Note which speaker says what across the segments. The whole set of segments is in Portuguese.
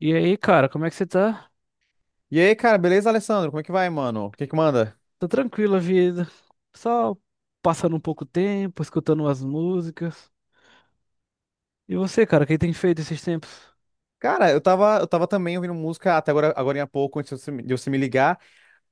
Speaker 1: E aí, cara, como é que você tá?
Speaker 2: E aí, cara, beleza, Alessandro? Como é que vai, mano? O que que manda?
Speaker 1: Tá tranquila a vida? Só passando um pouco tempo, escutando umas músicas. E você, cara, o que tem feito esses tempos?
Speaker 2: Cara, eu tava também ouvindo música até agora, agora há pouco, antes de você me ligar.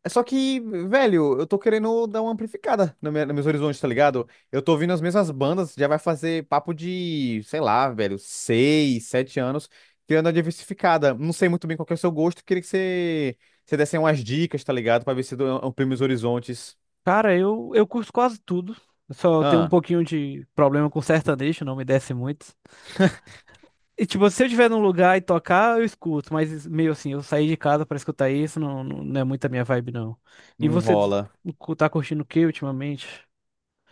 Speaker 2: Só que, velho, eu tô querendo dar uma amplificada no meu, nos meus horizontes, tá ligado? Eu tô ouvindo as mesmas bandas, já vai fazer papo de, sei lá, velho, 6, 7 anos, querendo uma diversificada. Não sei muito bem qual que é o seu gosto, queria que você desse aí umas dicas, tá ligado? Pra ver se eu amplio meus horizontes.
Speaker 1: Cara, eu curto quase tudo. Eu só tenho um
Speaker 2: Ah,
Speaker 1: pouquinho de problema com sertanejo, não me desce muito. E tipo, se eu estiver num lugar e tocar, eu escuto, mas meio assim, eu sair de casa pra escutar isso não, não, não é muito a minha vibe, não. E
Speaker 2: não
Speaker 1: você
Speaker 2: rola.
Speaker 1: tá curtindo o que ultimamente?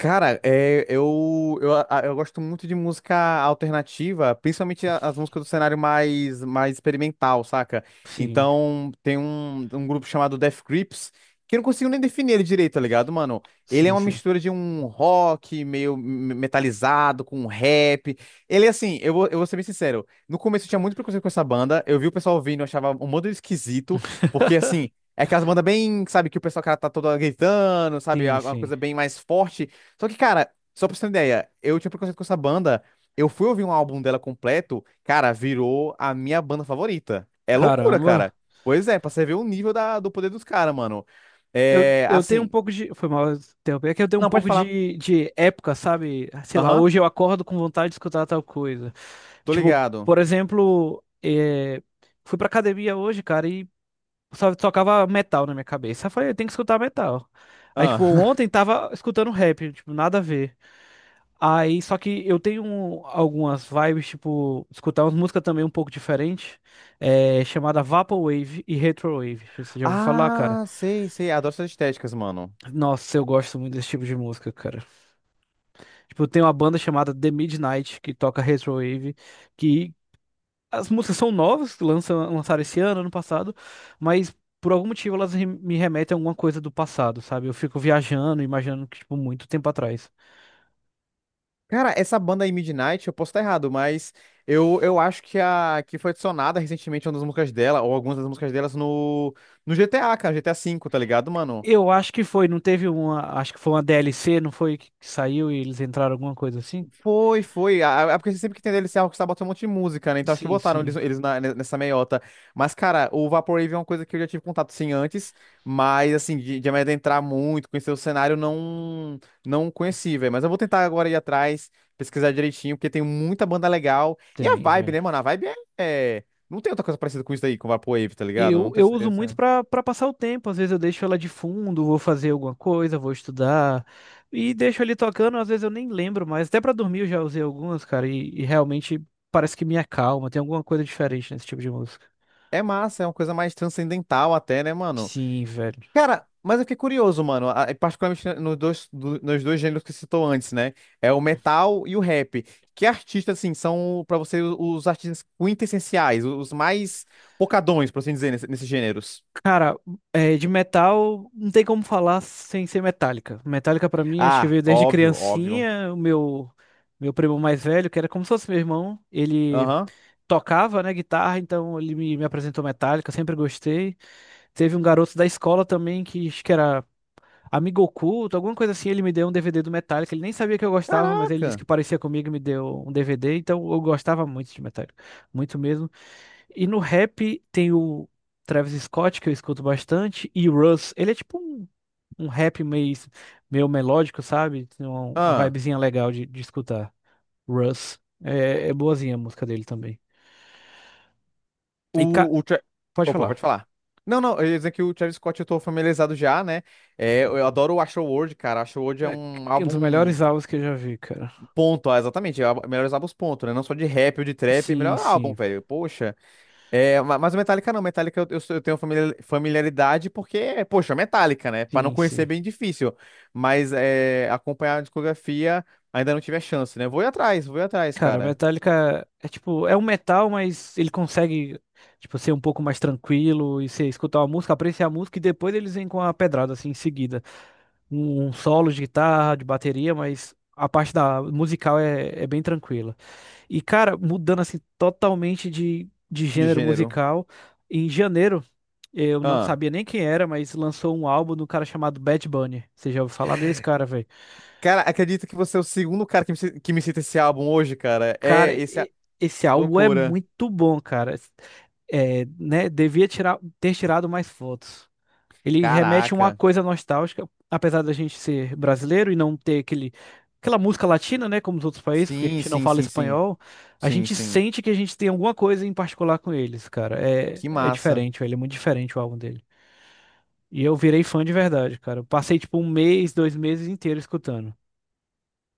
Speaker 2: Cara, eu gosto muito de música alternativa, principalmente as músicas do cenário mais experimental, saca?
Speaker 1: Sim,
Speaker 2: Então, tem um grupo chamado Death Grips, que eu não consigo nem definir ele direito, tá ligado, mano? Ele é
Speaker 1: sim,
Speaker 2: uma
Speaker 1: sim.
Speaker 2: mistura de um rock meio metalizado com um rap. Ele, é assim, eu vou ser bem sincero, no começo eu tinha muito preconceito com essa banda, eu vi o pessoal ouvindo, eu achava um modo esquisito, porque, assim, é aquelas bandas bem, sabe, que o pessoal, cara, tá todo gritando, sabe, é
Speaker 1: Sim,
Speaker 2: uma
Speaker 1: sim.
Speaker 2: coisa bem mais forte. Só que, cara, só pra você ter uma ideia, eu tinha preconceito com essa banda. Eu fui ouvir um álbum dela completo, cara, virou a minha banda favorita. É loucura, cara.
Speaker 1: Caramba.
Speaker 2: Pois é, pra você ver o nível da, do poder dos caras, mano. É,
Speaker 1: Eu tenho um
Speaker 2: assim.
Speaker 1: pouco de. Foi mal interromper. É que eu tenho um
Speaker 2: Não, pode
Speaker 1: pouco
Speaker 2: falar.
Speaker 1: de época, sabe? Sei lá,
Speaker 2: Aham,
Speaker 1: hoje eu acordo com vontade de escutar tal coisa.
Speaker 2: tô
Speaker 1: Tipo,
Speaker 2: ligado.
Speaker 1: por exemplo, fui pra academia hoje, cara, e só tocava metal na minha cabeça. Eu falei, eu tenho que escutar metal. Aí, tipo,
Speaker 2: Ah.
Speaker 1: ontem tava escutando rap, tipo, nada a ver. Aí, só que eu tenho um, algumas vibes, tipo, escutar umas músicas também um pouco diferente, chamada Vaporwave e Retrowave. Você já ouviu falar, cara?
Speaker 2: Ah, sei, sei. Adoro essas estéticas, mano.
Speaker 1: Nossa, eu gosto muito desse tipo de música, cara. Tipo, tem uma banda chamada The Midnight que toca Retrowave, que as músicas são novas, que lançam, lançaram esse ano, ano passado, mas por algum motivo elas me remetem a alguma coisa do passado, sabe? Eu fico viajando, imaginando que, tipo, muito tempo atrás.
Speaker 2: Cara, essa banda aí, Midnight, eu posso estar errado, mas eu acho que foi adicionada recentemente uma das músicas dela, ou algumas das músicas delas, no GTA, cara, GTA V, tá ligado, mano?
Speaker 1: Eu acho que foi, não teve uma, acho que foi uma DLC, não foi que saiu e eles entraram alguma coisa assim?
Speaker 2: Foi, foi. Ah, é porque sempre que tem DLC, a Rockstar bota um monte de música, né? Então acho que
Speaker 1: Sim,
Speaker 2: botaram eles,
Speaker 1: sim,
Speaker 2: eles nessa meiota. Mas, cara, o Vaporwave é uma coisa que eu já tive contato sim antes, mas assim, de me adentrar muito, conhecer o cenário, não conheci, velho. Mas eu vou tentar agora ir atrás, pesquisar direitinho, porque tem muita banda legal. E a
Speaker 1: tem,
Speaker 2: vibe, né, mano? A vibe é. Não tem outra coisa parecida com isso aí, com o Vaporwave, tá ligado?
Speaker 1: Eu,
Speaker 2: Não tem...
Speaker 1: eu
Speaker 2: essa-
Speaker 1: uso muito
Speaker 2: essa-
Speaker 1: para passar o tempo. Às vezes eu deixo ela de fundo, vou fazer alguma coisa, vou estudar e deixo ali tocando. Às vezes eu nem lembro mais. Até para dormir eu já usei algumas, cara, e realmente parece que me acalma. Tem alguma coisa diferente nesse tipo de música.
Speaker 2: É massa, é uma coisa mais transcendental até, né, mano?
Speaker 1: Sim, velho.
Speaker 2: Cara, mas eu fiquei curioso, mano. Particularmente nos dois gêneros que você citou antes, né? É o metal e o rap. Que artistas, assim, são pra você os artistas quintessenciais, os mais pocadões, por assim dizer, nesses gêneros?
Speaker 1: Cara, é, de metal não tem como falar sem ser Metallica. Metallica pra mim acho que
Speaker 2: Ah,
Speaker 1: veio desde
Speaker 2: óbvio, óbvio.
Speaker 1: criancinha. O meu primo mais velho, que era como se fosse meu irmão, ele
Speaker 2: Aham.
Speaker 1: tocava, né, guitarra, então ele me apresentou Metallica, eu sempre gostei. Teve um garoto da escola também que acho que era amigo oculto, alguma coisa assim. Ele me deu um DVD do Metallica. Ele nem sabia que eu gostava, mas ele disse
Speaker 2: Caraca.
Speaker 1: que parecia comigo e me deu um DVD. Então eu gostava muito de Metallica, muito mesmo. E no rap tem o Travis Scott, que eu escuto bastante, e o Russ. Ele é tipo um, um rap meio, meio melódico, sabe? Tem uma
Speaker 2: Ah,
Speaker 1: vibezinha legal de escutar. Russ. É, é boazinha a música dele também. E ca...
Speaker 2: o, o Tra-
Speaker 1: pode
Speaker 2: Opa,
Speaker 1: falar.
Speaker 2: pode falar. Não, não, eu ia dizer que o Travis Scott eu tô familiarizado já, né? É, eu adoro o Astroworld, cara. Astroworld é um
Speaker 1: É um dos
Speaker 2: álbum.
Speaker 1: melhores álbuns que eu já vi, cara.
Speaker 2: Ponto, ah, exatamente. Melhores álbuns, ponto, né? Não só de rap ou de trap, é
Speaker 1: Sim,
Speaker 2: melhor álbum,
Speaker 1: sim.
Speaker 2: velho. Poxa. É, mas o Metallica não. Metallica eu tenho familiaridade porque, poxa, Metallica, né? Pra não
Speaker 1: Sim,
Speaker 2: conhecer é
Speaker 1: sim.
Speaker 2: bem difícil. Mas é, acompanhar a discografia ainda não tive a chance, né? Vou ir atrás,
Speaker 1: Cara,
Speaker 2: cara.
Speaker 1: Metallica é tipo, é um metal, mas ele consegue, tipo, ser um pouco mais tranquilo e você escutar uma música, apreciar a música e depois eles vêm com a pedrada, assim, em seguida. Um solo de guitarra, de bateria, mas a parte da musical é, é bem tranquila. E, cara, mudando, assim, totalmente de
Speaker 2: De
Speaker 1: gênero
Speaker 2: gênero.
Speaker 1: musical, em janeiro, eu não
Speaker 2: Ah.
Speaker 1: sabia nem quem era, mas lançou um álbum do cara chamado Bad Bunny. Você já ouviu falar desse cara, velho?
Speaker 2: Cara, acredita que você é o segundo cara que me cita esse álbum hoje, cara?
Speaker 1: Cara, esse álbum é
Speaker 2: Loucura.
Speaker 1: muito bom, cara. É, né, devia tirar, ter tirado mais fotos. Ele remete a uma
Speaker 2: Caraca.
Speaker 1: coisa nostálgica, apesar da gente ser brasileiro e não ter aquele, aquela música latina, né, como os outros países, porque a
Speaker 2: Sim,
Speaker 1: gente não
Speaker 2: sim,
Speaker 1: fala
Speaker 2: sim, sim.
Speaker 1: espanhol, a
Speaker 2: Sim,
Speaker 1: gente
Speaker 2: sim.
Speaker 1: sente que a gente tem alguma coisa em particular com eles, cara. É,
Speaker 2: Que
Speaker 1: é
Speaker 2: massa.
Speaker 1: diferente, velho, é muito diferente o álbum dele. E eu virei fã de verdade, cara. Eu passei tipo um mês, dois meses inteiro escutando.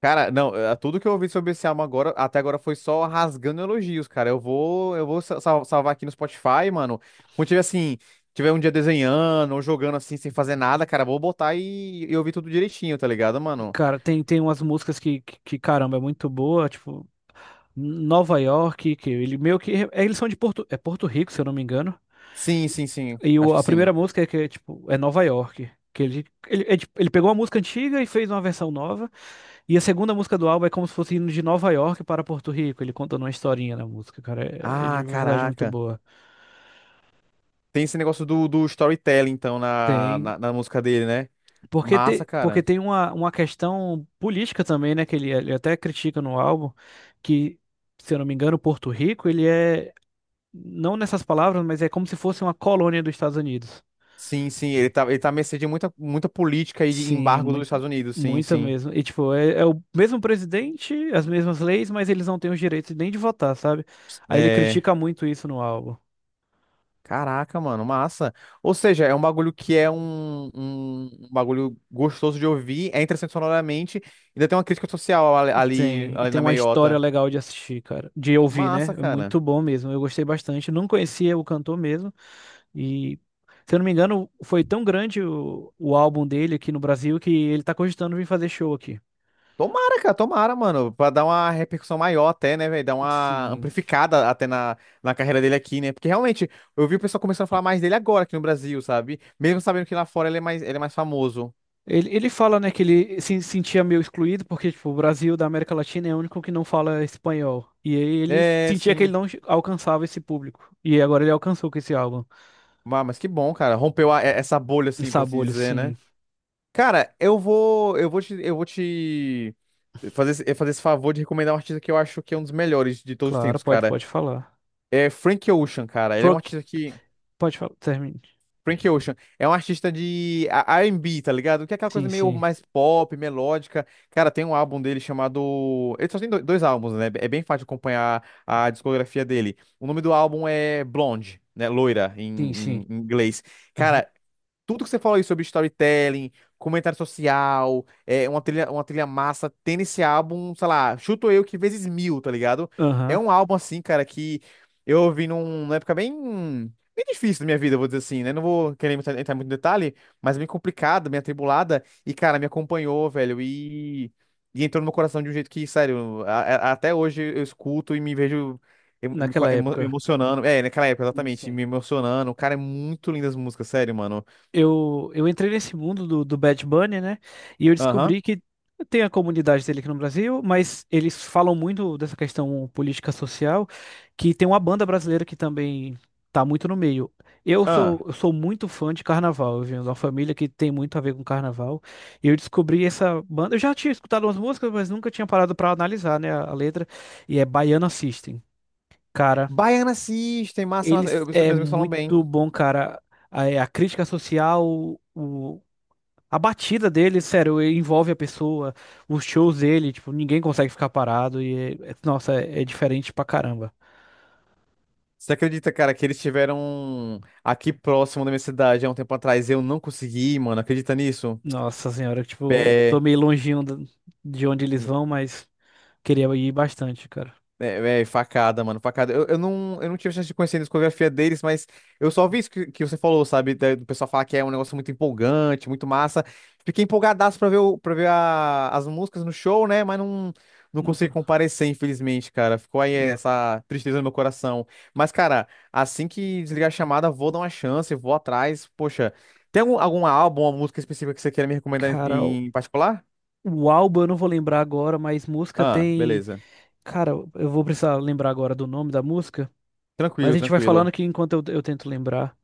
Speaker 2: Cara, não, tudo que eu ouvi sobre esse álbum agora, até agora foi só rasgando elogios, cara. Eu vou salvar aqui no Spotify, mano. Quando tiver um dia desenhando ou jogando assim sem fazer nada, cara, vou botar e ouvir tudo direitinho, tá ligado, mano?
Speaker 1: Cara, tem, tem umas músicas que, caramba, é muito boa, tipo Nova York, que ele meio que. É, eles são de Porto, é Porto Rico, se eu não me engano.
Speaker 2: Sim, sim, sim.
Speaker 1: E
Speaker 2: Acho que
Speaker 1: a
Speaker 2: sim.
Speaker 1: primeira música é que é, tipo, é Nova York. Que ele, ele pegou uma música antiga e fez uma versão nova. E a segunda música do álbum é como se fosse indo de Nova York para Porto Rico. Ele contando uma historinha na música, cara. É, é de
Speaker 2: Ah,
Speaker 1: verdade muito
Speaker 2: caraca.
Speaker 1: boa.
Speaker 2: Tem esse negócio do storytelling, então, na,
Speaker 1: Tem.
Speaker 2: na, na música dele, né?
Speaker 1: Porque,
Speaker 2: Massa,
Speaker 1: te, porque
Speaker 2: cara.
Speaker 1: tem uma questão política também, né? Que ele até critica no álbum, que, se eu não me engano, Porto Rico, ele é. Não nessas palavras, mas é como se fosse uma colônia dos Estados Unidos.
Speaker 2: Sim, sim, ele tá à mercê de muita, muita política e de
Speaker 1: Sim,
Speaker 2: embargo dos
Speaker 1: muito,
Speaker 2: Estados Unidos, sim,
Speaker 1: muita
Speaker 2: sim.
Speaker 1: mesmo. E tipo, é, é o mesmo presidente, as mesmas leis, mas eles não têm os direitos nem de votar, sabe? Aí ele
Speaker 2: É.
Speaker 1: critica muito isso no álbum.
Speaker 2: Caraca, mano, massa. Ou seja, é um bagulho que é um bagulho gostoso de ouvir, é interessante sonoramente, ainda tem uma crítica social ali, ali
Speaker 1: E
Speaker 2: ali
Speaker 1: tem
Speaker 2: na
Speaker 1: uma história
Speaker 2: meiota.
Speaker 1: legal de assistir, cara. De ouvir, né?
Speaker 2: Massa,
Speaker 1: É
Speaker 2: cara.
Speaker 1: muito bom mesmo. Eu gostei bastante. Não conhecia o cantor mesmo. E, se eu não me engano, foi tão grande o álbum dele aqui no Brasil que ele tá cogitando vir fazer show aqui.
Speaker 2: Tomara, cara, tomara, mano, pra dar uma repercussão maior até, né, velho, dar uma
Speaker 1: Sim.
Speaker 2: amplificada até na carreira dele aqui, né, porque realmente, eu vi o pessoal começando a falar mais dele agora aqui no Brasil, sabe, mesmo sabendo que lá fora ele é mais famoso.
Speaker 1: Ele fala, né, que ele se sentia meio excluído, porque, tipo, o Brasil da América Latina é o único que não fala espanhol. E aí ele
Speaker 2: É,
Speaker 1: sentia que ele
Speaker 2: sim.
Speaker 1: não alcançava esse público. E agora ele alcançou com esse álbum.
Speaker 2: Ah, mas que bom, cara, rompeu essa bolha,
Speaker 1: E
Speaker 2: assim, por assim
Speaker 1: Sabolio,
Speaker 2: dizer, né?
Speaker 1: sim.
Speaker 2: Cara, eu vou te fazer esse favor de recomendar um artista que eu acho que é um dos melhores de todos os
Speaker 1: Claro,
Speaker 2: tempos,
Speaker 1: pode,
Speaker 2: cara.
Speaker 1: pode falar.
Speaker 2: É Frank Ocean, cara. Ele é um
Speaker 1: Proc,
Speaker 2: artista que
Speaker 1: pode falar, termine.
Speaker 2: Frank Ocean é um artista de R&B, tá ligado? Que é aquela
Speaker 1: Sim,
Speaker 2: coisa meio
Speaker 1: sim.
Speaker 2: mais pop, melódica. Cara, tem um álbum dele chamado. Ele só tem dois álbuns, né? É bem fácil de acompanhar a discografia dele. O nome do álbum é Blonde, né? Loira em,
Speaker 1: Sim, sim.
Speaker 2: em inglês.
Speaker 1: Aham.
Speaker 2: Cara, tudo que você falou aí sobre storytelling, comentário social, uma trilha massa, tem esse álbum, sei lá, chuto eu que vezes mil, tá ligado? É
Speaker 1: Aham.
Speaker 2: um álbum assim, cara, que eu ouvi numa época bem, bem difícil da minha vida, vou dizer assim, né? Não vou querer entrar muito em detalhe, mas bem complicada, bem atribulada, e, cara, me acompanhou, velho, e entrou no meu coração de um jeito que, sério, até hoje eu escuto e me vejo. emo- Me
Speaker 1: Naquela
Speaker 2: emo- me
Speaker 1: época.
Speaker 2: emocionando, naquela época,
Speaker 1: Sim,
Speaker 2: exatamente,
Speaker 1: sim.
Speaker 2: me emocionando. Cara, é muito lindas as músicas, sério, mano.
Speaker 1: Eu entrei nesse mundo do, do Bad Bunny, né? E eu
Speaker 2: Aham.
Speaker 1: descobri que tem a comunidade dele aqui no Brasil, mas eles falam muito dessa questão política social, que tem uma banda brasileira que também tá muito no meio. Eu
Speaker 2: Ah.
Speaker 1: sou, eu sou muito fã de carnaval, eu venho de uma família que tem muito a ver com carnaval. E eu descobri essa banda. Eu já tinha escutado umas músicas, mas nunca tinha parado pra analisar, né, a letra. E é Baiana System. Cara,
Speaker 2: Baiana System, massa, massa.
Speaker 1: eles
Speaker 2: Meus
Speaker 1: é
Speaker 2: amigos falam bem.
Speaker 1: muito bom, cara. A crítica social, o, a batida dele, sério, envolve a pessoa, os shows dele, tipo, ninguém consegue ficar parado e, nossa, é, é diferente pra caramba.
Speaker 2: Você acredita, cara, que eles tiveram aqui próximo da minha cidade há um tempo atrás e eu não consegui, mano? Acredita nisso?
Speaker 1: Nossa senhora, tipo, tô
Speaker 2: É,
Speaker 1: meio longinho de onde eles vão, mas queria ir bastante, cara.
Speaker 2: É, véi, facada, mano, facada. Eu não tive chance de conhecer a discografia deles, mas eu só vi isso que você falou, sabe? Do pessoal falar que é um negócio muito empolgante, muito massa. Fiquei empolgadaço pra ver as músicas no show, né? Mas não, não consegui
Speaker 1: Nunca-
Speaker 2: comparecer, infelizmente, cara. Ficou aí
Speaker 1: não.
Speaker 2: essa tristeza no meu coração. Mas, cara, assim que desligar a chamada, vou dar uma chance, vou atrás. Poxa, tem algum álbum, uma música específica que você queira me recomendar
Speaker 1: Cara,
Speaker 2: em particular?
Speaker 1: o álbum eu não vou lembrar agora, mas música
Speaker 2: Ah,
Speaker 1: tem.
Speaker 2: beleza.
Speaker 1: Cara, eu vou precisar lembrar agora do nome da música, mas
Speaker 2: Tranquilo,
Speaker 1: a gente vai falando
Speaker 2: tranquilo.
Speaker 1: aqui enquanto eu tento lembrar.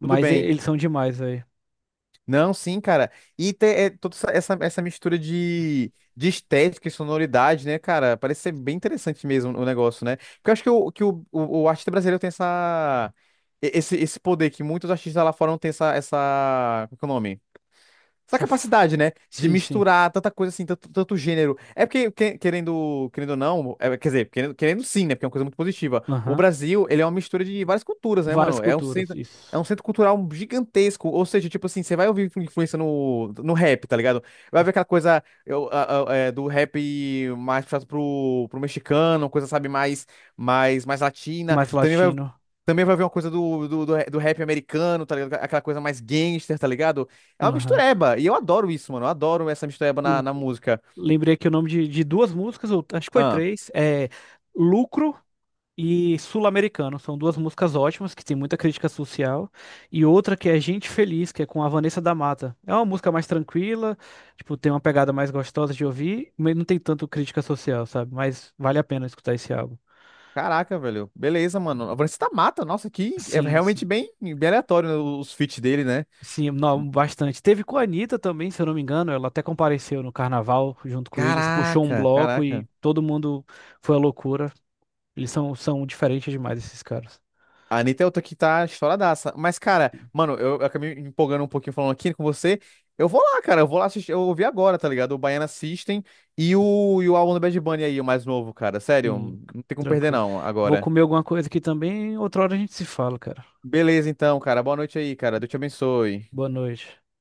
Speaker 2: Tudo bem.
Speaker 1: eles são demais, velho.
Speaker 2: Não, sim, cara. E toda essa mistura de estética e sonoridade, né, cara? Parece ser bem interessante mesmo o negócio, né? Porque eu acho que o artista brasileiro tem esse poder que muitos artistas lá fora não têm essa. Qual que é o nome? Essa capacidade, né? De
Speaker 1: Sim, sim.
Speaker 2: misturar tanta coisa assim, tanto gênero. É porque, querendo, querendo, ou não, quer dizer, querendo sim, né? Porque é uma coisa muito positiva. O
Speaker 1: Aham.
Speaker 2: Brasil, ele é uma mistura de várias culturas, né,
Speaker 1: Várias
Speaker 2: mano? É um
Speaker 1: culturas,
Speaker 2: centro, é
Speaker 1: isso.
Speaker 2: um centro cultural gigantesco. Ou seja, tipo assim, você vai ouvir influência no rap, tá ligado? Vai ver aquela coisa eu, a- é, do rap mais puxado pro mexicano, coisa, sabe, mais latina.
Speaker 1: Mais
Speaker 2: Também vai
Speaker 1: latino.
Speaker 2: também vai ver uma coisa do rap americano, tá ligado? Aquela coisa mais gangster, tá ligado? É uma
Speaker 1: Aham.
Speaker 2: mistureba. E eu adoro isso, mano. Eu adoro essa mistureba na
Speaker 1: No-
Speaker 2: música.
Speaker 1: Lembrei aqui o nome de duas músicas, ou acho que foi
Speaker 2: Ah,
Speaker 1: três. É Lucro e Sul-Americano. São duas músicas ótimas, que tem muita crítica social. E outra que é Gente Feliz, que é com a Vanessa da Mata. É uma música mais tranquila, tipo, tem uma pegada mais gostosa de ouvir, mas não tem tanto crítica social, sabe? Mas vale a pena escutar esse álbum.
Speaker 2: caraca, velho. Beleza, mano. A Vanessa mata. Nossa, que é
Speaker 1: Sim,
Speaker 2: realmente
Speaker 1: sim.
Speaker 2: bem, bem aleatório né, os feats dele, né?
Speaker 1: Sim, não, bastante. Teve com a Anitta também, se eu não me engano, ela até compareceu no carnaval junto com eles, puxou um
Speaker 2: Caraca,
Speaker 1: bloco e
Speaker 2: caraca.
Speaker 1: todo mundo foi à loucura. Eles são, são diferentes demais, esses caras.
Speaker 2: A Anitta é outra que tá estouradaça. Mas, cara, mano, eu acabei me empolgando um pouquinho falando aqui com você. Eu vou lá, cara. Eu vou lá assistir. Eu ouvi agora, tá ligado? O Baiana System. E o álbum do Bad Bunny aí, o mais novo, cara. Sério,
Speaker 1: Sim,
Speaker 2: não tem como perder,
Speaker 1: tranquilo.
Speaker 2: não,
Speaker 1: Vou
Speaker 2: agora.
Speaker 1: comer alguma coisa aqui também, outra hora a gente se fala, cara.
Speaker 2: Beleza, então, cara. Boa noite aí, cara. Deus te abençoe.
Speaker 1: Boa noite.